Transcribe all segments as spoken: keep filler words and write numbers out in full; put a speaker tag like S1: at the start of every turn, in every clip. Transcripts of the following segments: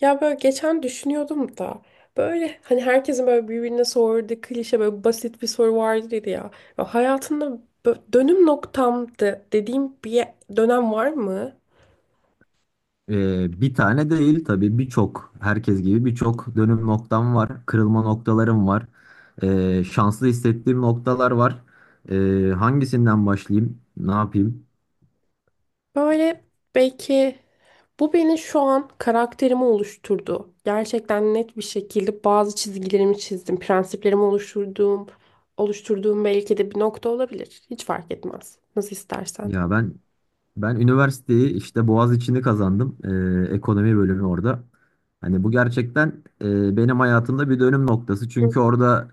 S1: Ya böyle geçen düşünüyordum da böyle hani herkesin böyle birbirine sorduğu klişe böyle basit bir soru vardır ya. Ya hayatında bö- dönüm noktamdı dediğim bir ye- dönem var mı?
S2: Ee, bir tane değil tabii birçok herkes gibi birçok dönüm noktam var. Kırılma noktalarım var. Ee, şanslı hissettiğim noktalar var. Ee, hangisinden başlayayım? Ne yapayım?
S1: Böyle belki bu beni şu an karakterimi oluşturdu. Gerçekten net bir şekilde bazı çizgilerimi çizdim, prensiplerimi oluşturduğum, oluşturduğum belki de bir nokta olabilir. Hiç fark etmez. Nasıl istersen.
S2: Ya ben Ben üniversiteyi işte Boğaziçi'ni kazandım. Ee, ekonomi bölümü orada. Hani bu gerçekten e, benim hayatımda bir dönüm noktası. Çünkü orada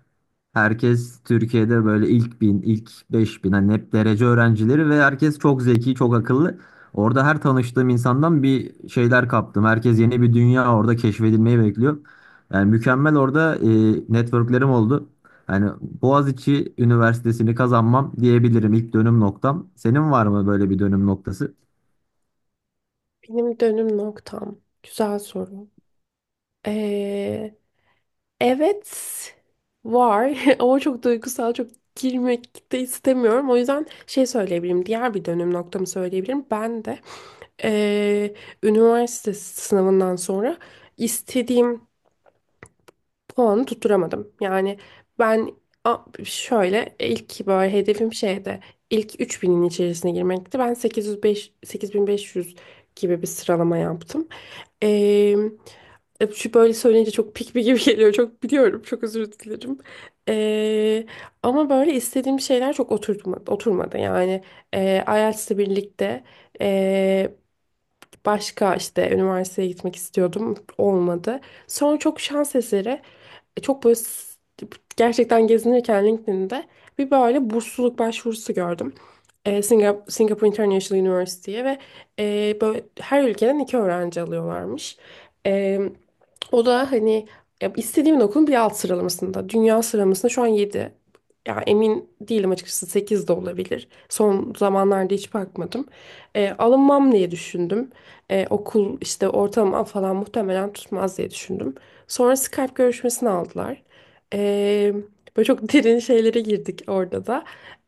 S2: herkes Türkiye'de böyle ilk bin, ilk beş bin hani hep derece öğrencileri ve herkes çok zeki, çok akıllı. Orada her tanıştığım insandan bir şeyler kaptım. Herkes yeni bir dünya orada keşfedilmeyi bekliyor. Yani mükemmel orada e, networklerim oldu. Yani Boğaziçi Üniversitesi'ni kazanmam diyebilirim ilk dönüm noktam. Senin var mı böyle bir dönüm noktası?
S1: Benim dönüm noktam. Güzel soru. Evet var ama çok duygusal, çok girmek de istemiyorum. O yüzden şey söyleyebilirim, diğer bir dönüm noktamı söyleyebilirim. Ben de eee, üniversite sınavından sonra istediğim puanı tutturamadım. Yani ben a- şöyle ilk böyle hedefim şeydi, ilk üç binin içerisine girmekti. Ben sekiz yüz beş, sekiz bin beş yüz gibi bir sıralama yaptım. E, Şu böyle söyleyince çok pikmi gibi geliyor. Çok biliyorum. Çok özür dilerim. Ee, Ama böyle istediğim şeyler çok oturtmadı, oturmadı. Yani e, I E L T S'le birlikte e, başka işte üniversiteye gitmek istiyordum. Olmadı. Sonra çok şans eseri e, Çok böyle s- gerçekten gezinirken LinkedIn'de bir böyle bursluluk başvurusu gördüm. E, Singap Singapore International University'ye ve e, böyle her ülkeden iki öğrenci alıyorlarmış. E, O da hani ya istediğimin okulun bir alt sıralamasında. Dünya sıralamasında şu an yedi, ya emin değilim açıkçası, sekiz de olabilir. Son zamanlarda hiç bakmadım. E, alınmam diye düşündüm. E, okul işte ortalama falan muhtemelen tutmaz diye düşündüm. Sonra Skype görüşmesini aldılar. Ee, Böyle çok derin şeylere girdik orada da.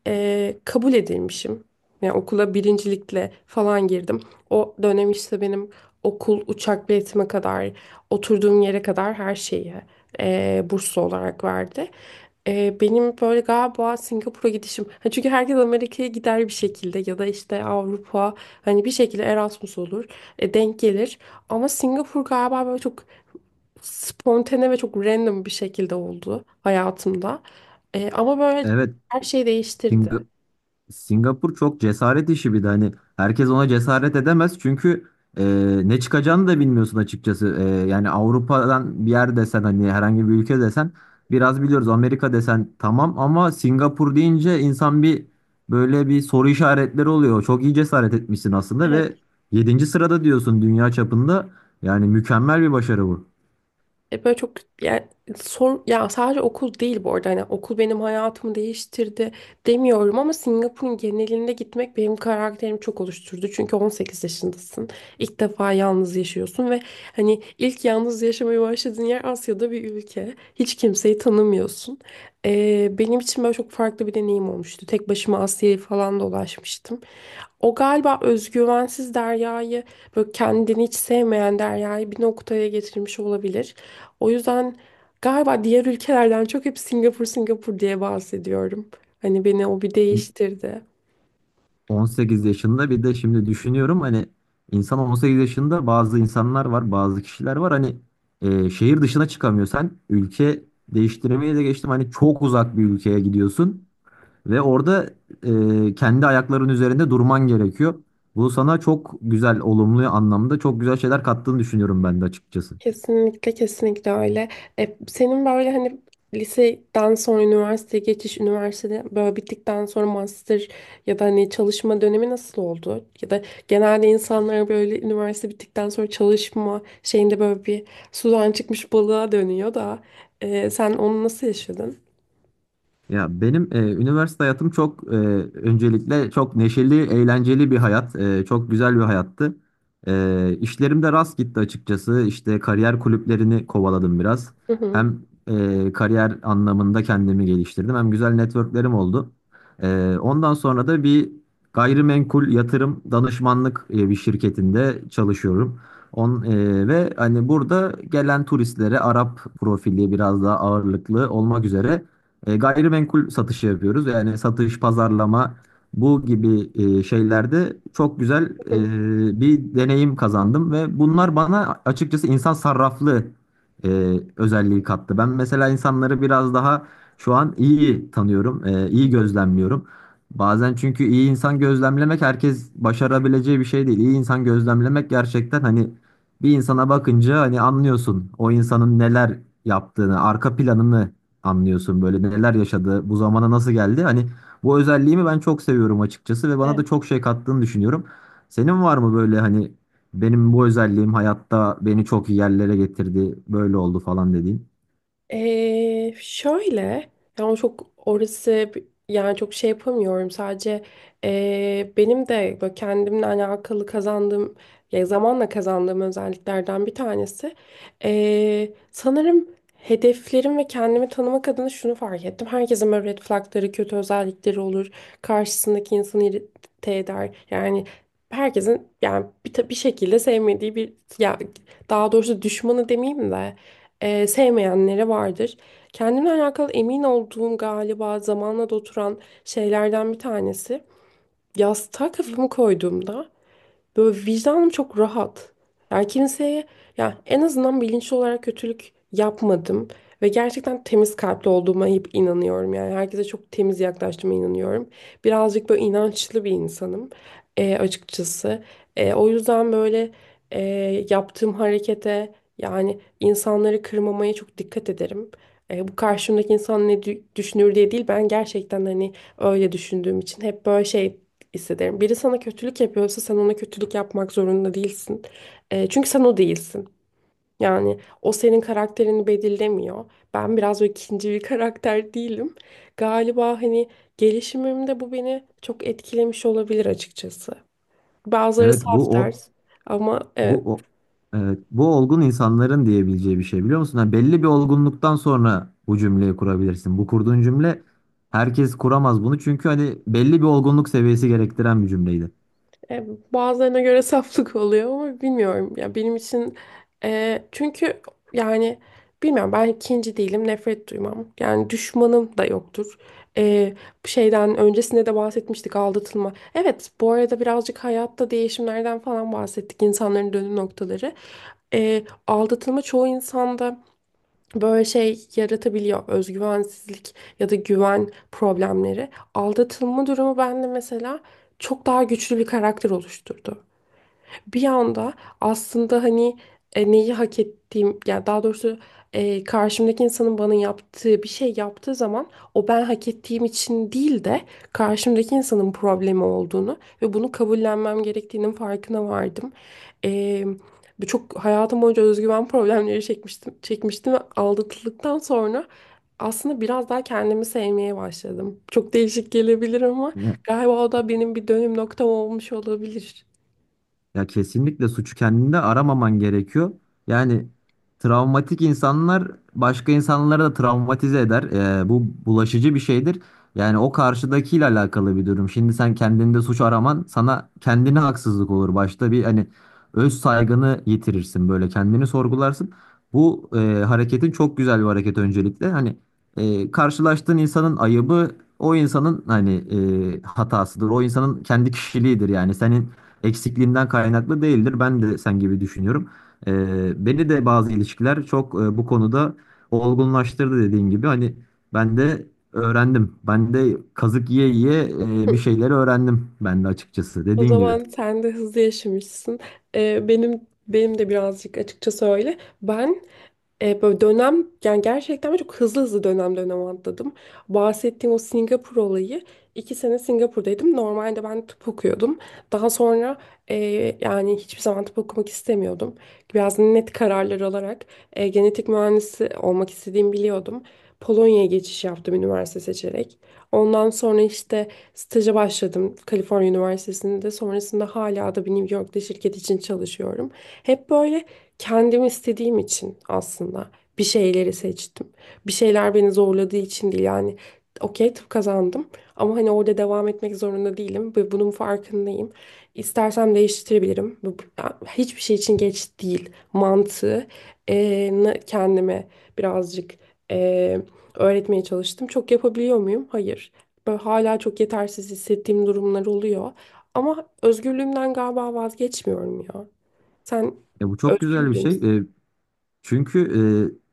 S1: Ee, kabul edilmişim. Yani okula birincilikle falan girdim. O dönem işte benim okul, uçak biletime kadar, oturduğum yere kadar her şeyi ee, burslu olarak verdi. Ee, benim böyle galiba Singapur'a gidişim. Ha, çünkü herkes Amerika'ya gider bir şekilde ya da işte Avrupa, hani bir şekilde Erasmus olur, e, denk gelir. Ama Singapur galiba böyle çok spontane ve çok random bir şekilde oldu hayatımda. Ee, ama böyle
S2: Evet,
S1: her şeyi değiştirdi.
S2: Singapur çok cesaret işi bir de hani herkes ona cesaret edemez çünkü e, ne çıkacağını da bilmiyorsun açıkçası. E, yani Avrupa'dan bir yer desen hani herhangi bir ülke desen biraz biliyoruz. Amerika desen tamam ama Singapur deyince insan bir böyle bir soru işaretleri oluyor. Çok iyi cesaret etmişsin aslında ve yedinci sırada diyorsun dünya çapında. Yani mükemmel bir başarı bu.
S1: E, böyle çok, yani sor ya, sadece okul değil bu arada, hani okul benim hayatımı değiştirdi demiyorum ama Singapur'un genelinde gitmek benim karakterimi çok oluşturdu. Çünkü on sekiz yaşındasın. İlk defa yalnız yaşıyorsun ve hani ilk yalnız yaşamaya başladığın yer Asya'da bir ülke. Hiç kimseyi tanımıyorsun. E, benim için böyle çok farklı bir deneyim olmuştu. Tek başıma Asya'yı falan dolaşmıştım. O galiba özgüvensiz Derya'yı, böyle kendini hiç sevmeyen Derya'yı bir noktaya getirmiş olabilir. O yüzden galiba diğer ülkelerden çok hep Singapur Singapur diye bahsediyorum. Hani beni o bir değiştirdi.
S2: on sekiz yaşında bir de şimdi düşünüyorum hani insan on sekiz yaşında bazı insanlar var bazı kişiler var hani e, şehir dışına çıkamıyor sen ülke değiştirmeye de geçtim hani çok uzak bir ülkeye gidiyorsun ve orada e, kendi ayakların üzerinde durman gerekiyor. Bu sana çok güzel olumlu anlamda çok güzel şeyler kattığını düşünüyorum ben de açıkçası.
S1: Kesinlikle, kesinlikle öyle. E, senin böyle hani liseden sonra üniversiteye geçiş, üniversitede böyle bittikten sonra master ya da hani çalışma dönemi nasıl oldu? Ya da genelde insanlar böyle üniversite bittikten sonra çalışma şeyinde böyle bir sudan çıkmış balığa dönüyor da e, sen onu nasıl yaşadın?
S2: Ya benim e, üniversite hayatım çok e, öncelikle çok neşeli, eğlenceli bir hayat. E, çok güzel bir hayattı. E, işlerim de rast gitti açıkçası. İşte kariyer kulüplerini kovaladım biraz.
S1: Hı hı.
S2: Hem e, kariyer anlamında kendimi geliştirdim hem güzel networklerim oldu. E, ondan sonra da bir gayrimenkul yatırım danışmanlık e, bir şirketinde çalışıyorum. On, e, ve hani burada gelen turistlere Arap profili biraz daha ağırlıklı olmak üzere e, gayrimenkul satışı yapıyoruz. Yani satış, pazarlama bu gibi e, şeylerde çok güzel
S1: Hı.
S2: e, bir deneyim kazandım ve bunlar bana açıkçası insan sarraflı e, özelliği kattı. Ben mesela insanları biraz daha şu an iyi tanıyorum, e, iyi gözlemliyorum. Bazen çünkü iyi insan gözlemlemek herkes başarabileceği bir şey değil. İyi insan gözlemlemek gerçekten hani bir insana bakınca hani anlıyorsun o insanın neler yaptığını, arka planını anlıyorsun böyle neler yaşadı, bu zamana nasıl geldi. Hani bu özelliğimi ben çok seviyorum açıkçası ve bana da
S1: Hı.
S2: çok şey kattığını düşünüyorum. Senin var mı böyle hani benim bu özelliğim hayatta beni çok iyi yerlere getirdi, böyle oldu falan dediğin?
S1: Ee, şöyle yani çok orası bi- yani çok şey yapamıyorum, sadece ee, benim de böyle kendimle alakalı kazandığım ya zamanla kazandığım özelliklerden bir tanesi, ee, sanırım hedeflerim ve kendimi tanımak adına şunu fark ettim. Herkesin böyle red flagları, kötü özellikleri olur. Karşısındaki insanı irite eder. Yani herkesin, yani bir, ta- bir şekilde sevmediği bir, ya daha doğrusu düşmanı demeyeyim de e, sevmeyenlere vardır. Kendimle alakalı emin olduğum, galiba zamanla da oturan şeylerden bir tanesi. Yastığa kafamı koyduğumda böyle vicdanım çok rahat. Yani kimseye, ya en azından bilinçli olarak kötülük yapmadım ve gerçekten temiz kalpli olduğuma hep inanıyorum. Yani herkese çok temiz yaklaştığıma inanıyorum. Birazcık böyle inançlı bir insanım e, açıkçası. E, o yüzden böyle e, yaptığım harekete, yani insanları kırmamaya çok dikkat ederim. E, bu karşımdaki insan ne dü- düşünür diye değil, ben gerçekten hani öyle düşündüğüm için hep böyle şey hissederim. Biri sana kötülük yapıyorsa sen ona kötülük yapmak zorunda değilsin. Eee, çünkü sen o değilsin. Yani o senin karakterini belirlemiyor. Ben biraz böyle ikinci bir karakter değilim. Galiba hani gelişimimde bu beni çok etkilemiş olabilir açıkçası. Bazıları
S2: Evet bu
S1: saf
S2: o
S1: ders ama evet.
S2: bu o evet, bu olgun insanların diyebileceği bir şey biliyor musun? Hani belli bir olgunluktan sonra bu cümleyi kurabilirsin. Bu kurduğun cümle herkes kuramaz bunu çünkü hani belli bir olgunluk seviyesi gerektiren bir cümleydi.
S1: E, Bazılarına göre saflık oluyor ama bilmiyorum. Ya benim için, e, çünkü yani bilmiyorum, ben ikinci değilim, nefret duymam. Yani düşmanım da yoktur. E, Bu şeyden öncesinde de bahsetmiştik, aldatılma. Evet, bu arada birazcık hayatta değişimlerden falan bahsettik, insanların dönüm noktaları. E, aldatılma çoğu insanda böyle şey yaratabiliyor. Özgüvensizlik ya da güven problemleri. Aldatılma durumu bende mesela çok daha güçlü bir karakter oluşturdu bir anda, aslında hani e, neyi hak ettiğim, yani daha doğrusu e, karşımdaki insanın bana yaptığı bir şey yaptığı zaman o ben hak ettiğim için değil de karşımdaki insanın problemi olduğunu ve bunu kabullenmem gerektiğinin farkına vardım. E, Bu, çok hayatım boyunca özgüven problemleri çekmiştim, çekmiştim ve aldatıldıktan sonra aslında biraz daha kendimi sevmeye başladım. Çok değişik gelebilir ama galiba o da benim bir dönüm noktam olmuş olabilir.
S2: Ya kesinlikle suçu kendinde aramaman gerekiyor. Yani travmatik insanlar başka insanları da travmatize eder. Ee, bu bulaşıcı bir şeydir. Yani o karşıdakiyle alakalı bir durum. Şimdi sen kendinde suç araman sana kendine haksızlık olur. Başta bir hani öz saygını yitirirsin böyle kendini sorgularsın. Bu e, hareketin çok güzel bir hareket öncelikle. Hani e, karşılaştığın insanın ayıbı o insanın hani e, hatasıdır. O insanın kendi kişiliğidir yani. Senin eksikliğimden kaynaklı değildir. Ben de sen gibi düşünüyorum. Ee, beni de bazı ilişkiler çok e, bu konuda olgunlaştırdı dediğin gibi. Hani ben de öğrendim. Ben de kazık yiye yiye e, bir şeyleri öğrendim ben de açıkçası
S1: O
S2: dediğin gibi.
S1: zaman sen de hızlı yaşamışsın. Ee, benim Benim de birazcık açıkça söyle. Ben e, böyle dönem, yani gerçekten ben çok hızlı hızlı dönem dönem atladım. Bahsettiğim o Singapur olayı, iki sene Singapur'daydım. Normalde ben tıp okuyordum. Daha sonra e, yani hiçbir zaman tıp okumak istemiyordum. Biraz net kararlar alarak e, genetik mühendisi olmak istediğimi biliyordum. Polonya'ya geçiş yaptım üniversite seçerek. Ondan sonra işte staja başladım Kaliforniya Üniversitesi'nde. Sonrasında hala da bir New York'ta şirket için çalışıyorum. Hep böyle kendim istediğim için aslında bir şeyleri seçtim. Bir şeyler beni zorladığı için değil yani. Okey, tıp kazandım ama hani orada devam etmek zorunda değilim ve bunun farkındayım. İstersem değiştirebilirim. Bu- bu- Hiçbir şey için geç değil mantığı e, na- kendime birazcık e, öğretmeye çalıştım. Çok yapabiliyor muyum? Hayır. Böyle hala çok yetersiz hissettiğim durumlar oluyor. Ama özgürlüğümden galiba vazgeçmiyorum ya. Sen
S2: E, bu çok
S1: özgür
S2: güzel bir
S1: biri
S2: şey.
S1: misin?
S2: E, Çünkü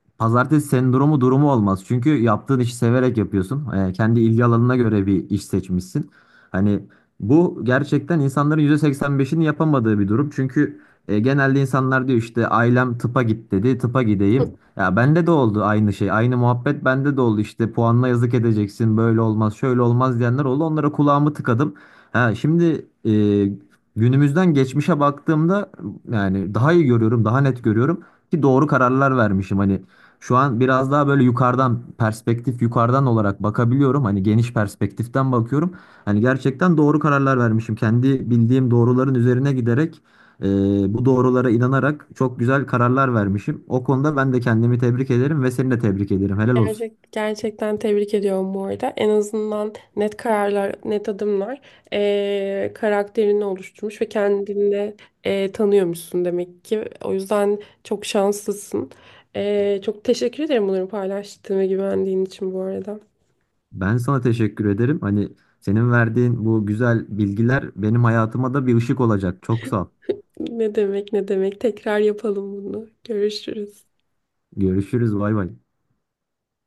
S2: e, pazartesi sendromu durumu olmaz. Çünkü yaptığın işi severek yapıyorsun. E, kendi ilgi alanına göre bir iş seçmişsin. Hani bu gerçekten insanların yüzde seksen beşini yapamadığı bir durum. Çünkü e, genelde insanlar diyor işte ailem tıpa git dedi, tıpa gideyim. Ya bende de oldu aynı şey, aynı muhabbet bende de oldu. İşte puanla yazık edeceksin, böyle olmaz, şöyle olmaz diyenler oldu. Onlara kulağımı tıkadım. Ha, şimdi e, günümüzden geçmişe baktığımda yani daha iyi görüyorum, daha net görüyorum ki doğru kararlar vermişim hani şu an biraz daha böyle yukarıdan perspektif yukarıdan olarak bakabiliyorum hani geniş perspektiften bakıyorum hani gerçekten doğru kararlar vermişim kendi bildiğim doğruların üzerine giderek e, bu doğrulara inanarak çok güzel kararlar vermişim o konuda ben de kendimi tebrik ederim ve seni de tebrik ederim helal olsun
S1: Gerçek, gerçekten tebrik ediyorum bu arada. En azından net kararlar, net adımlar eee, karakterini oluşturmuş ve kendini eee, tanıyormuşsun demek ki. O yüzden çok şanslısın. Eee, çok teşekkür ederim bunları paylaştığın ve güvendiğin için bu arada.
S2: ben sana teşekkür ederim hani senin verdiğin bu güzel bilgiler benim hayatıma da bir ışık olacak çok sağ ol
S1: Ne demek, ne demek. Tekrar yapalım bunu. Görüşürüz.
S2: görüşürüz bay bay